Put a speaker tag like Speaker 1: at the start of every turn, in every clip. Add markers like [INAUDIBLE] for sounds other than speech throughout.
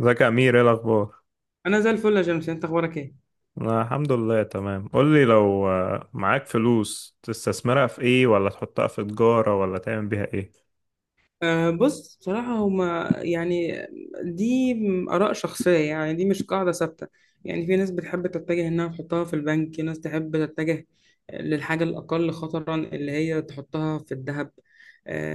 Speaker 1: ازيك يا امير؟ ايه الاخبار؟
Speaker 2: انا زي الفل يا جيمس، انت اخبارك ايه؟
Speaker 1: انا الحمد لله تمام. قول لي لو معاك فلوس تستثمرها في ايه، ولا تحطها في تجارة، ولا تعمل بيها ايه؟
Speaker 2: بص بصراحة هما يعني دي آراء شخصية. يعني دي مش قاعدة ثابتة. يعني في ناس بتحب تتجه إنها تحطها في البنك، في ناس تحب تتجه للحاجة الأقل خطرا اللي هي تحطها في الذهب.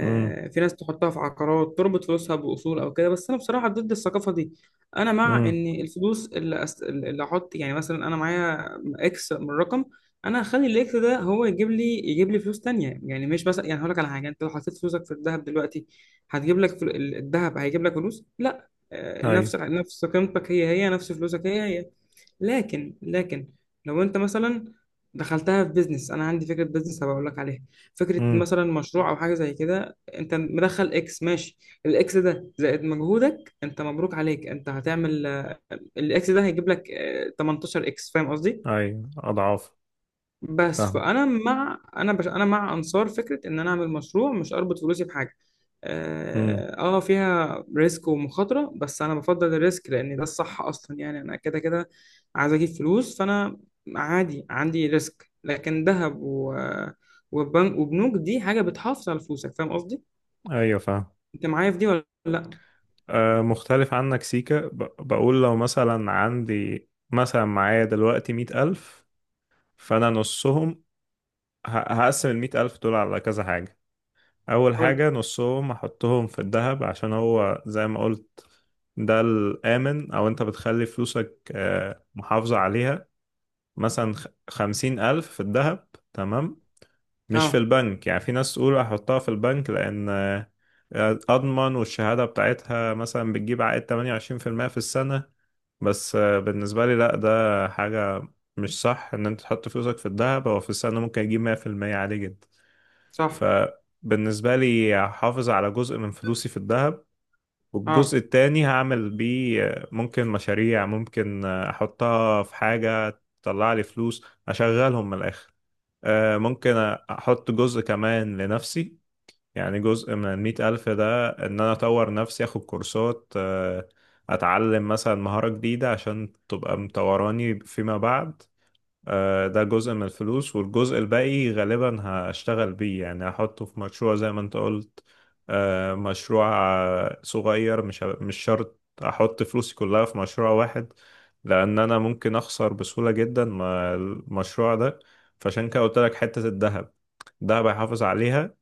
Speaker 1: امم.
Speaker 2: في ناس تحطها في عقارات تربط فلوسها بأصول أو كده، بس أنا بصراحة ضد الثقافة دي. أنا مع
Speaker 1: امم.
Speaker 2: إن الفلوس اللي أحط يعني، مثلا أنا معايا إكس من رقم. انا هخلي الاكس ده هو يجيب لي فلوس تانية. يعني مش مثلا، يعني هقول لك على حاجه. انت لو حطيت فلوسك في الذهب دلوقتي هتجيب لك الذهب هيجيب لك فلوس، لا،
Speaker 1: اي.
Speaker 2: نفس قيمتك، هي هي نفس فلوسك هي هي. لكن لو انت مثلا دخلتها في بيزنس، انا عندي فكره بيزنس هبقول لك عليها. فكره
Speaker 1: امم.
Speaker 2: مثلا مشروع او حاجه زي كده. انت مدخل اكس ماشي، الاكس ده زائد مجهودك انت، مبروك عليك، انت هتعمل، الاكس ده هيجيب لك 18 اكس، فاهم قصدي؟
Speaker 1: اي، اضعاف.
Speaker 2: بس
Speaker 1: فاهم.
Speaker 2: فانا مع انا مع انصار فكره ان انا اعمل مشروع، مش اربط فلوسي بحاجه.
Speaker 1: امم.
Speaker 2: اه، فيها ريسك ومخاطره، بس انا بفضل الريسك لان ده الصح اصلا. يعني انا كده كده عايز اجيب فلوس. فانا عادي عندي ريسك، لكن وبنك وبنوك دي حاجه بتحافظ على فلوسك، فاهم قصدي؟
Speaker 1: ايوه، فاهم.
Speaker 2: انت معايا في دي ولا لا؟
Speaker 1: أه، مختلف عنك سيكا. بقول لو مثلا عندي، مثلا معايا دلوقتي مئة ألف. فأنا نصهم، هقسم المئة ألف دول على كذا حاجة. اول
Speaker 2: قول لي.
Speaker 1: حاجة نصهم احطهم في الذهب، عشان هو زي ما قلت، ده الامن، او انت بتخلي فلوسك محافظة عليها. مثلا خمسين الف في الذهب. تمام، مش في
Speaker 2: اه،
Speaker 1: البنك. يعني في ناس تقول احطها في البنك لان اضمن، والشهادة بتاعتها مثلا بتجيب عائد 28% في المية في السنة. بس بالنسبة لي لا، ده حاجة مش صح. ان انت تحط فلوسك في الذهب، هو في السنة ممكن يجيب 100% عادي جدا.
Speaker 2: صح،
Speaker 1: فبالنسبة لي هحافظ على جزء من فلوسي في الذهب، والجزء
Speaker 2: اه،
Speaker 1: التاني هعمل بيه ممكن مشاريع، ممكن أحطها في حاجة تطلع لي فلوس أشغلهم من الآخر. ممكن أحط جزء كمان لنفسي، يعني جزء من المئة ألف ده إن أنا أطور نفسي، أخد كورسات، أتعلم مثلا مهارة جديدة عشان تبقى مطوراني فيما بعد. ده جزء من الفلوس، والجزء الباقي غالبا هشتغل بيه، يعني هحطه في مشروع زي ما انت قلت. مشروع صغير. مش شرط احط فلوسي كلها في مشروع واحد، لان انا ممكن اخسر بسهولة جدا مع المشروع ده. فعشان كده قلت لك حتة الذهب، الذهب هيحافظ عليها.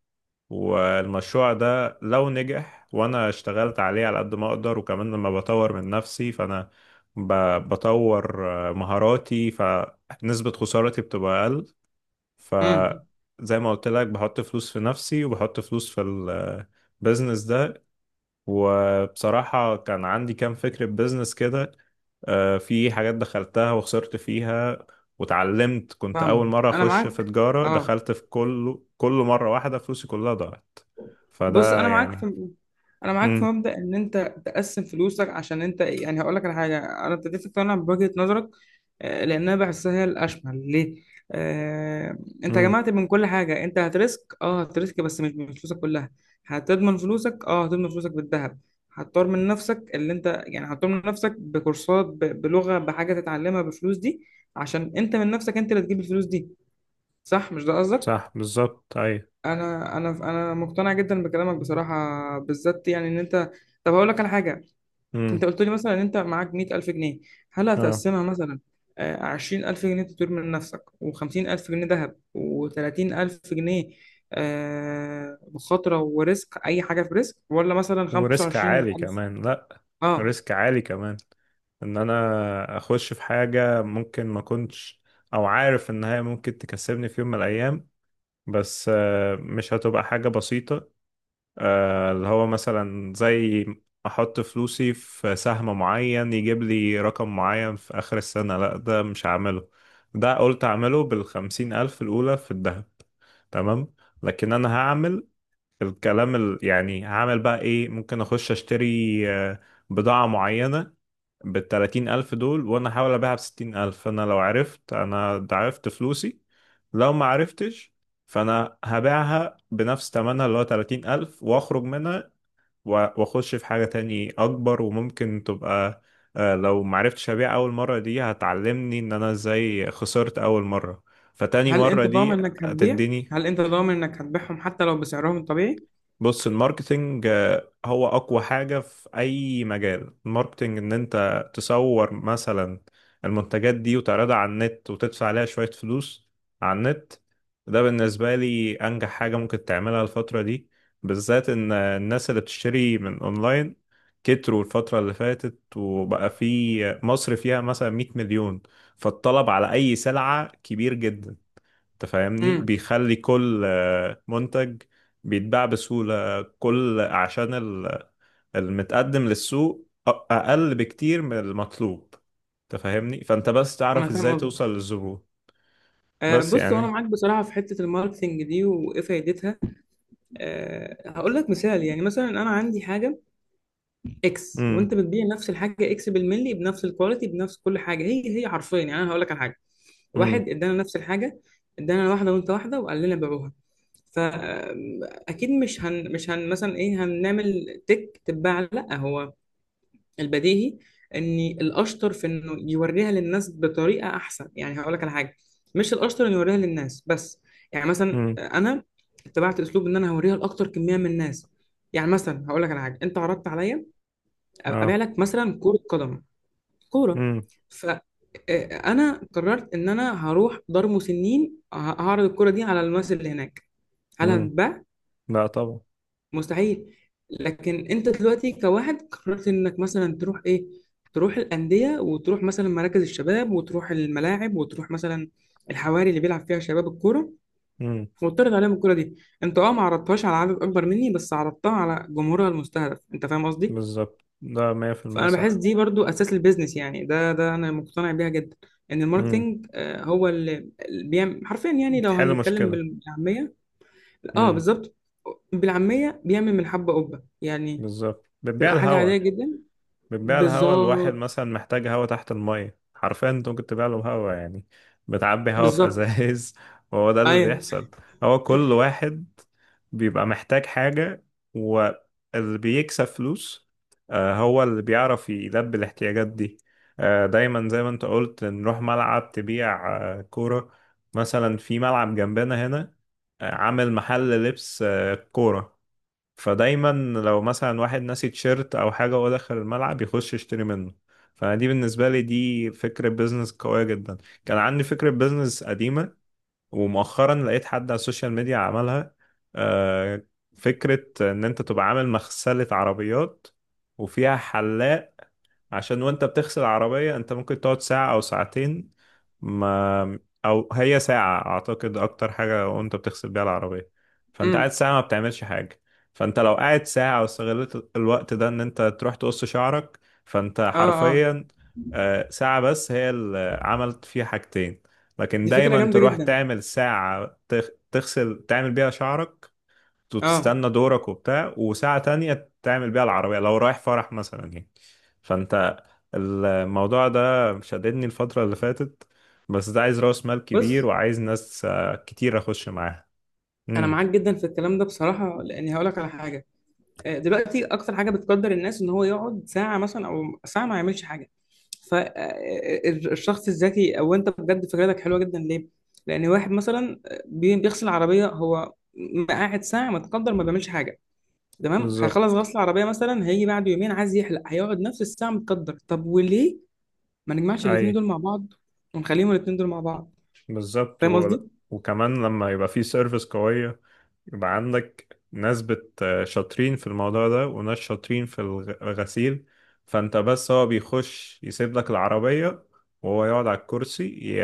Speaker 1: والمشروع ده لو نجح وانا اشتغلت عليه على قد ما اقدر، وكمان لما بطور من نفسي، فانا بطور مهاراتي، فنسبة خسارتي بتبقى اقل.
Speaker 2: امم،
Speaker 1: فزي ما قلت لك، بحط فلوس في نفسي وبحط فلوس في البيزنس ده. وبصراحة كان عندي كام فكرة بيزنس كده، في حاجات دخلتها وخسرت فيها واتعلمت. كنت أول
Speaker 2: فاهم،
Speaker 1: مرة
Speaker 2: انا
Speaker 1: أخش في
Speaker 2: معاك.
Speaker 1: تجارة،
Speaker 2: اه
Speaker 1: دخلت في كل مرة واحدة فلوسي كلها ضاعت.
Speaker 2: بص،
Speaker 1: فده
Speaker 2: انا معاك
Speaker 1: يعني.
Speaker 2: في انا معاك في
Speaker 1: امم.
Speaker 2: مبدأ ان انت تقسم فلوسك. عشان انت يعني، هقول لك على حاجه. انا ابتديت اقتنع بوجهه نظرك، لانها بحسها هي الاشمل ليه. آه، انت
Speaker 1: امم.
Speaker 2: جمعت من كل حاجه. انت هترسك، هترسك، بس مش من فلوسك كلها. هتضمن فلوسك، هتضمن فلوسك بالذهب. هتطور من نفسك اللي انت، يعني هتطور من نفسك بكورسات، بلغه، بحاجه تتعلمها بفلوس دي. عشان انت من نفسك انت اللي تجيب الفلوس دي. صح؟ مش ده قصدك؟
Speaker 1: صح، بالظبط، أيوة.
Speaker 2: انا مقتنع جدا بكلامك بصراحه، بالذات يعني ان انت، طب هقول لك على حاجه.
Speaker 1: امم.
Speaker 2: انت قلت لي مثلا ان انت معاك 100,000 جنيه. هل
Speaker 1: اه.
Speaker 2: هتقسمها مثلا 20,000 جنيه تطور من نفسك، و50000 جنيه ذهب، و30000 جنيه مخاطره وريسك، اي حاجه في ريسك؟ ولا مثلا
Speaker 1: وريسك عالي
Speaker 2: 25000؟
Speaker 1: كمان، لأ.
Speaker 2: اه،
Speaker 1: ريسك عالي كمان. ان انا اخش في حاجة ممكن ما كنتش، او عارف ان هي ممكن تكسبني في يوم من الايام. بس مش هتبقى حاجة بسيطة. اللي هو مثلا زي احط فلوسي في سهم معين يجيب لي رقم معين في اخر السنة، لا، ده مش هعمله. ده قلت اعمله بالخمسين الف الاولى في الذهب. تمام. لكن انا هعمل الكلام يعني هعمل بقى ايه، ممكن اخش اشتري آه، بضاعة معينة بالتلاتين ألف دول، وأنا أحاول أبيعها بستين ألف. فأنا لو عرفت، أنا ضعفت فلوسي. لو ما عرفتش، فأنا هبيعها بنفس تمنها اللي هو 30 ألف، وأخرج منها و- وأخش في حاجة تاني أكبر، وممكن تبقى لو ما عرفتش أبيع أول مرة، دي هتعلمني إن أنا إزاي خسرت أول مرة. فتاني
Speaker 2: هل
Speaker 1: مرة
Speaker 2: انت ضامن
Speaker 1: دي
Speaker 2: انك هتبيع؟
Speaker 1: هتديني.
Speaker 2: هل انت ضامن انك هتبيعهم حتى لو بسعرهم الطبيعي؟
Speaker 1: بص الماركتينج هو أقوى حاجة في أي مجال. الماركتينج إن أنت تصور مثلا المنتجات دي وتعرضها على النت وتدفع عليها شوية فلوس على النت. ده بالنسبة لي أنجح حاجة ممكن تعملها الفترة دي، بالذات إن الناس اللي بتشتري من أونلاين كتروا الفترة اللي فاتت، وبقى في مصر فيها مثلا 100 مليون. فالطلب على أي سلعة كبير جدا. انت فاهمني؟
Speaker 2: امم،
Speaker 1: بيخلي كل منتج بيتباع بسهولة. كل عشان المتقدم للسوق أقل بكتير من المطلوب. انت فاهمني، فانت بس
Speaker 2: انا
Speaker 1: تعرف
Speaker 2: فاهم
Speaker 1: ازاي
Speaker 2: قصدك.
Speaker 1: توصل للزبون. بس
Speaker 2: بص هو انا
Speaker 1: يعني.
Speaker 2: معاك بصراحه في حته الماركتنج دي وايه فايدتها. هقول لك مثال. يعني مثلا انا عندي حاجه اكس،
Speaker 1: امم.
Speaker 2: وانت بتبيع نفس الحاجه اكس بالملي، بنفس الكواليتي، بنفس كل حاجه، هي هي حرفيا. يعني انا هقول لك على حاجه،
Speaker 1: امم.
Speaker 2: واحد ادانا نفس الحاجه، ادانا واحده وانت واحده وقال لنا بيعوها. فاكيد مش هن مثلا ايه هنعمل تك تتباع. لا، هو البديهي ان الاشطر في انه يوريها للناس بطريقه احسن. يعني هقول لك على حاجه، مش الاشطر انه يوريها للناس بس. يعني مثلا
Speaker 1: امم.
Speaker 2: انا اتبعت اسلوب ان انا هوريها لاكتر كميه من الناس. يعني مثلا هقول لك على حاجه، انت عرضت عليا ابيع
Speaker 1: اه.
Speaker 2: لك مثلا كره قدم، كوره.
Speaker 1: امم.
Speaker 2: ف آه، انا قررت ان انا هروح دار مسنين هعرض الكوره دي على الناس اللي هناك. هل
Speaker 1: امم.
Speaker 2: هتتباع؟
Speaker 1: لا طبعا.
Speaker 2: مستحيل. لكن انت دلوقتي كواحد قررت انك مثلا تروح ايه، تروح الانديه، وتروح مثلا مراكز الشباب، وتروح الملاعب، وتروح مثلا الحواري اللي بيلعب فيها شباب الكوره،
Speaker 1: امم.
Speaker 2: وتعرض عليهم الكوره دي. انت اه ما عرضتهاش على عدد اكبر مني، بس عرضتها على جمهورها المستهدف، انت فاهم قصدي؟
Speaker 1: بالظبط، ده 100%
Speaker 2: فانا بحس
Speaker 1: صح.
Speaker 2: دي برضو اساس البيزنس. يعني ده انا مقتنع بيها جدا. ان
Speaker 1: امم.
Speaker 2: الماركتينج، هو اللي بيعمل حرفيا، يعني لو
Speaker 1: بتحل
Speaker 2: هنتكلم
Speaker 1: مشكلة.
Speaker 2: بالعاميه. اه،
Speaker 1: امم.
Speaker 2: بالظبط. بالعاميه بيعمل من الحبه قبه يعني.
Speaker 1: بالظبط، بتبيع
Speaker 2: تبقى حاجة
Speaker 1: الهوا.
Speaker 2: عادية جدا.
Speaker 1: بتبيع الهوا، الواحد
Speaker 2: بالظبط.
Speaker 1: مثلا محتاج هوا تحت المية، حرفيا انت ممكن تبيع له هوا يعني. بتعبي هوا في
Speaker 2: بالظبط.
Speaker 1: ازايز [LAUGHS] وهو ده اللي
Speaker 2: ايوه.
Speaker 1: بيحصل. هو كل واحد بيبقى محتاج حاجة، واللي بيكسب فلوس هو اللي بيعرف يلبي الاحتياجات دي. دايما زي ما انت قلت، نروح ملعب تبيع كورة، مثلا في ملعب جنبنا هنا عامل محل لبس كورة. فدايما لو مثلا واحد ناسي تيشيرت او حاجه وهو داخل الملعب، يخش يشتري منه. فانا دي بالنسبه لي دي فكره بيزنس قويه جدا. كان عندي فكره بيزنس قديمه، ومؤخرا لقيت حد على السوشيال ميديا عملها. آه، فكره ان انت تبقى عامل مغسله عربيات وفيها حلاق، عشان وانت بتغسل العربية انت ممكن تقعد ساعة او ساعتين. ما او هي ساعة اعتقد اكتر حاجة وانت بتغسل بيها العربية. فانت قاعد
Speaker 2: امم.
Speaker 1: ساعة ما بتعملش حاجة. فانت لو قاعد ساعة واستغلت الوقت ده ان انت تروح تقص شعرك، فانت
Speaker 2: اه اه.
Speaker 1: حرفيا ساعة بس هي اللي عملت فيها حاجتين. لكن
Speaker 2: دي فكرة
Speaker 1: دايما
Speaker 2: جامدة
Speaker 1: تروح
Speaker 2: جدا.
Speaker 1: تعمل ساعة تغسل تعمل بيها شعرك،
Speaker 2: اه
Speaker 1: وتستنى دورك وبتاع، وساعة تانية تعمل بيها العربية لو رايح فرح مثلا يعني. فانت الموضوع ده شددني الفترة اللي فاتت، بس ده عايز رأس مال كبير
Speaker 2: بص،
Speaker 1: وعايز ناس كتير أخش معاها.
Speaker 2: انا
Speaker 1: امم.
Speaker 2: معاك جدا في الكلام ده بصراحة، لاني هقول لك على حاجة. دلوقتي اكتر حاجة بتقدر الناس ان هو يقعد ساعة مثلا او ساعة ما يعملش حاجة. فالشخص الذكي، او انت بجد فكرتك حلوة جدا. ليه؟ لان واحد مثلا، بيغسل عربية، هو قاعد ساعة متقدر، ما بيعملش حاجة. تمام، هيخلص
Speaker 1: بالظبط.
Speaker 2: غسل العربية مثلا هيجي بعد يومين عايز يحلق، هيقعد نفس الساعة متقدر. طب وليه ما نجمعش الاتنين
Speaker 1: أي.
Speaker 2: دول مع بعض، ونخليهم الاتنين دول مع بعض؟
Speaker 1: بالظبط
Speaker 2: فاهم قصدي؟
Speaker 1: وكمان لما يبقى في سيرفيس قوية، يبقى عندك ناس شاطرين في الموضوع ده وناس شاطرين في الغسيل. فانت بس هو بيخش يسيب لك العربية، وهو يقعد على الكرسي ي-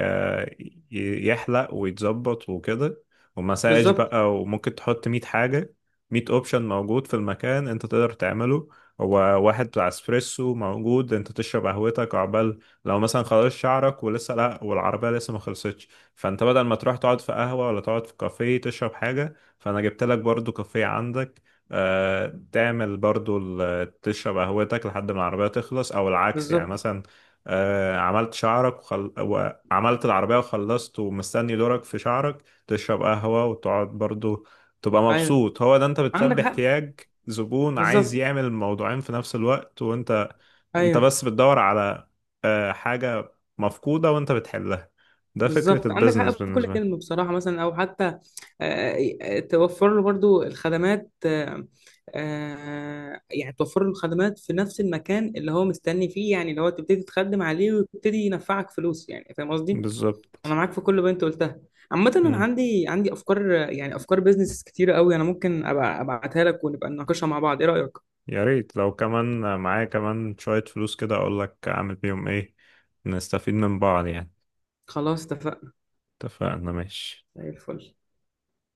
Speaker 1: ي- يحلق ويتظبط وكده، ومساج
Speaker 2: بالظبط.
Speaker 1: بقى، وممكن تحط مية حاجة. مية اوبشن موجود في المكان انت تقدر تعمله. هو واحد بتاع اسبريسو موجود، انت تشرب قهوتك عقبال لو مثلا خلاص شعرك ولسه لا، والعربية لسه ما خلصتش. فانت بدل ما تروح تقعد في قهوة ولا تقعد في كافيه تشرب حاجة، فانا جبت لك برضو كافيه عندك، تعمل برضو تشرب قهوتك لحد ما العربية تخلص، او العكس يعني
Speaker 2: بالظبط.
Speaker 1: مثلا، عملت شعرك وعملت العربية وخلصت ومستني دورك في شعرك، تشرب قهوة وتقعد برضو، تبقى
Speaker 2: ايوه.
Speaker 1: مبسوط. هو ده، انت
Speaker 2: عندك
Speaker 1: بتلبي
Speaker 2: حق.
Speaker 1: احتياج زبون عايز
Speaker 2: بالظبط.
Speaker 1: يعمل الموضوعين في نفس الوقت. وانت بس
Speaker 2: ايوه.
Speaker 1: بتدور على حاجة مفقودة وانت بتحلها. ده فكرة
Speaker 2: بالظبط، عندك حق
Speaker 1: البيزنس
Speaker 2: في كل
Speaker 1: بالنسبة لي.
Speaker 2: كلمه بصراحه. مثلا او حتى، توفر له برضو الخدمات، يعني توفر له الخدمات في نفس المكان اللي هو مستني فيه. يعني اللي هو تبتدي تخدم عليه ويبتدي ينفعك فلوس، يعني فاهم قصدي؟ انا
Speaker 1: بالظبط.
Speaker 2: معاك في كل اللي انت قلتها. عامة أنا عندي أفكار، يعني أفكار بيزنس كتيرة قوي، أنا ممكن أبقى أبعتها لك ونبقى نناقشها مع بعض. إيه رأيك؟
Speaker 1: يا ريت لو كمان معايا كمان شوية فلوس كده أقولك أعمل بيهم إيه، نستفيد من بعض يعني.
Speaker 2: خلاص اتفقنا.
Speaker 1: اتفقنا، ماشي.
Speaker 2: زي الفل.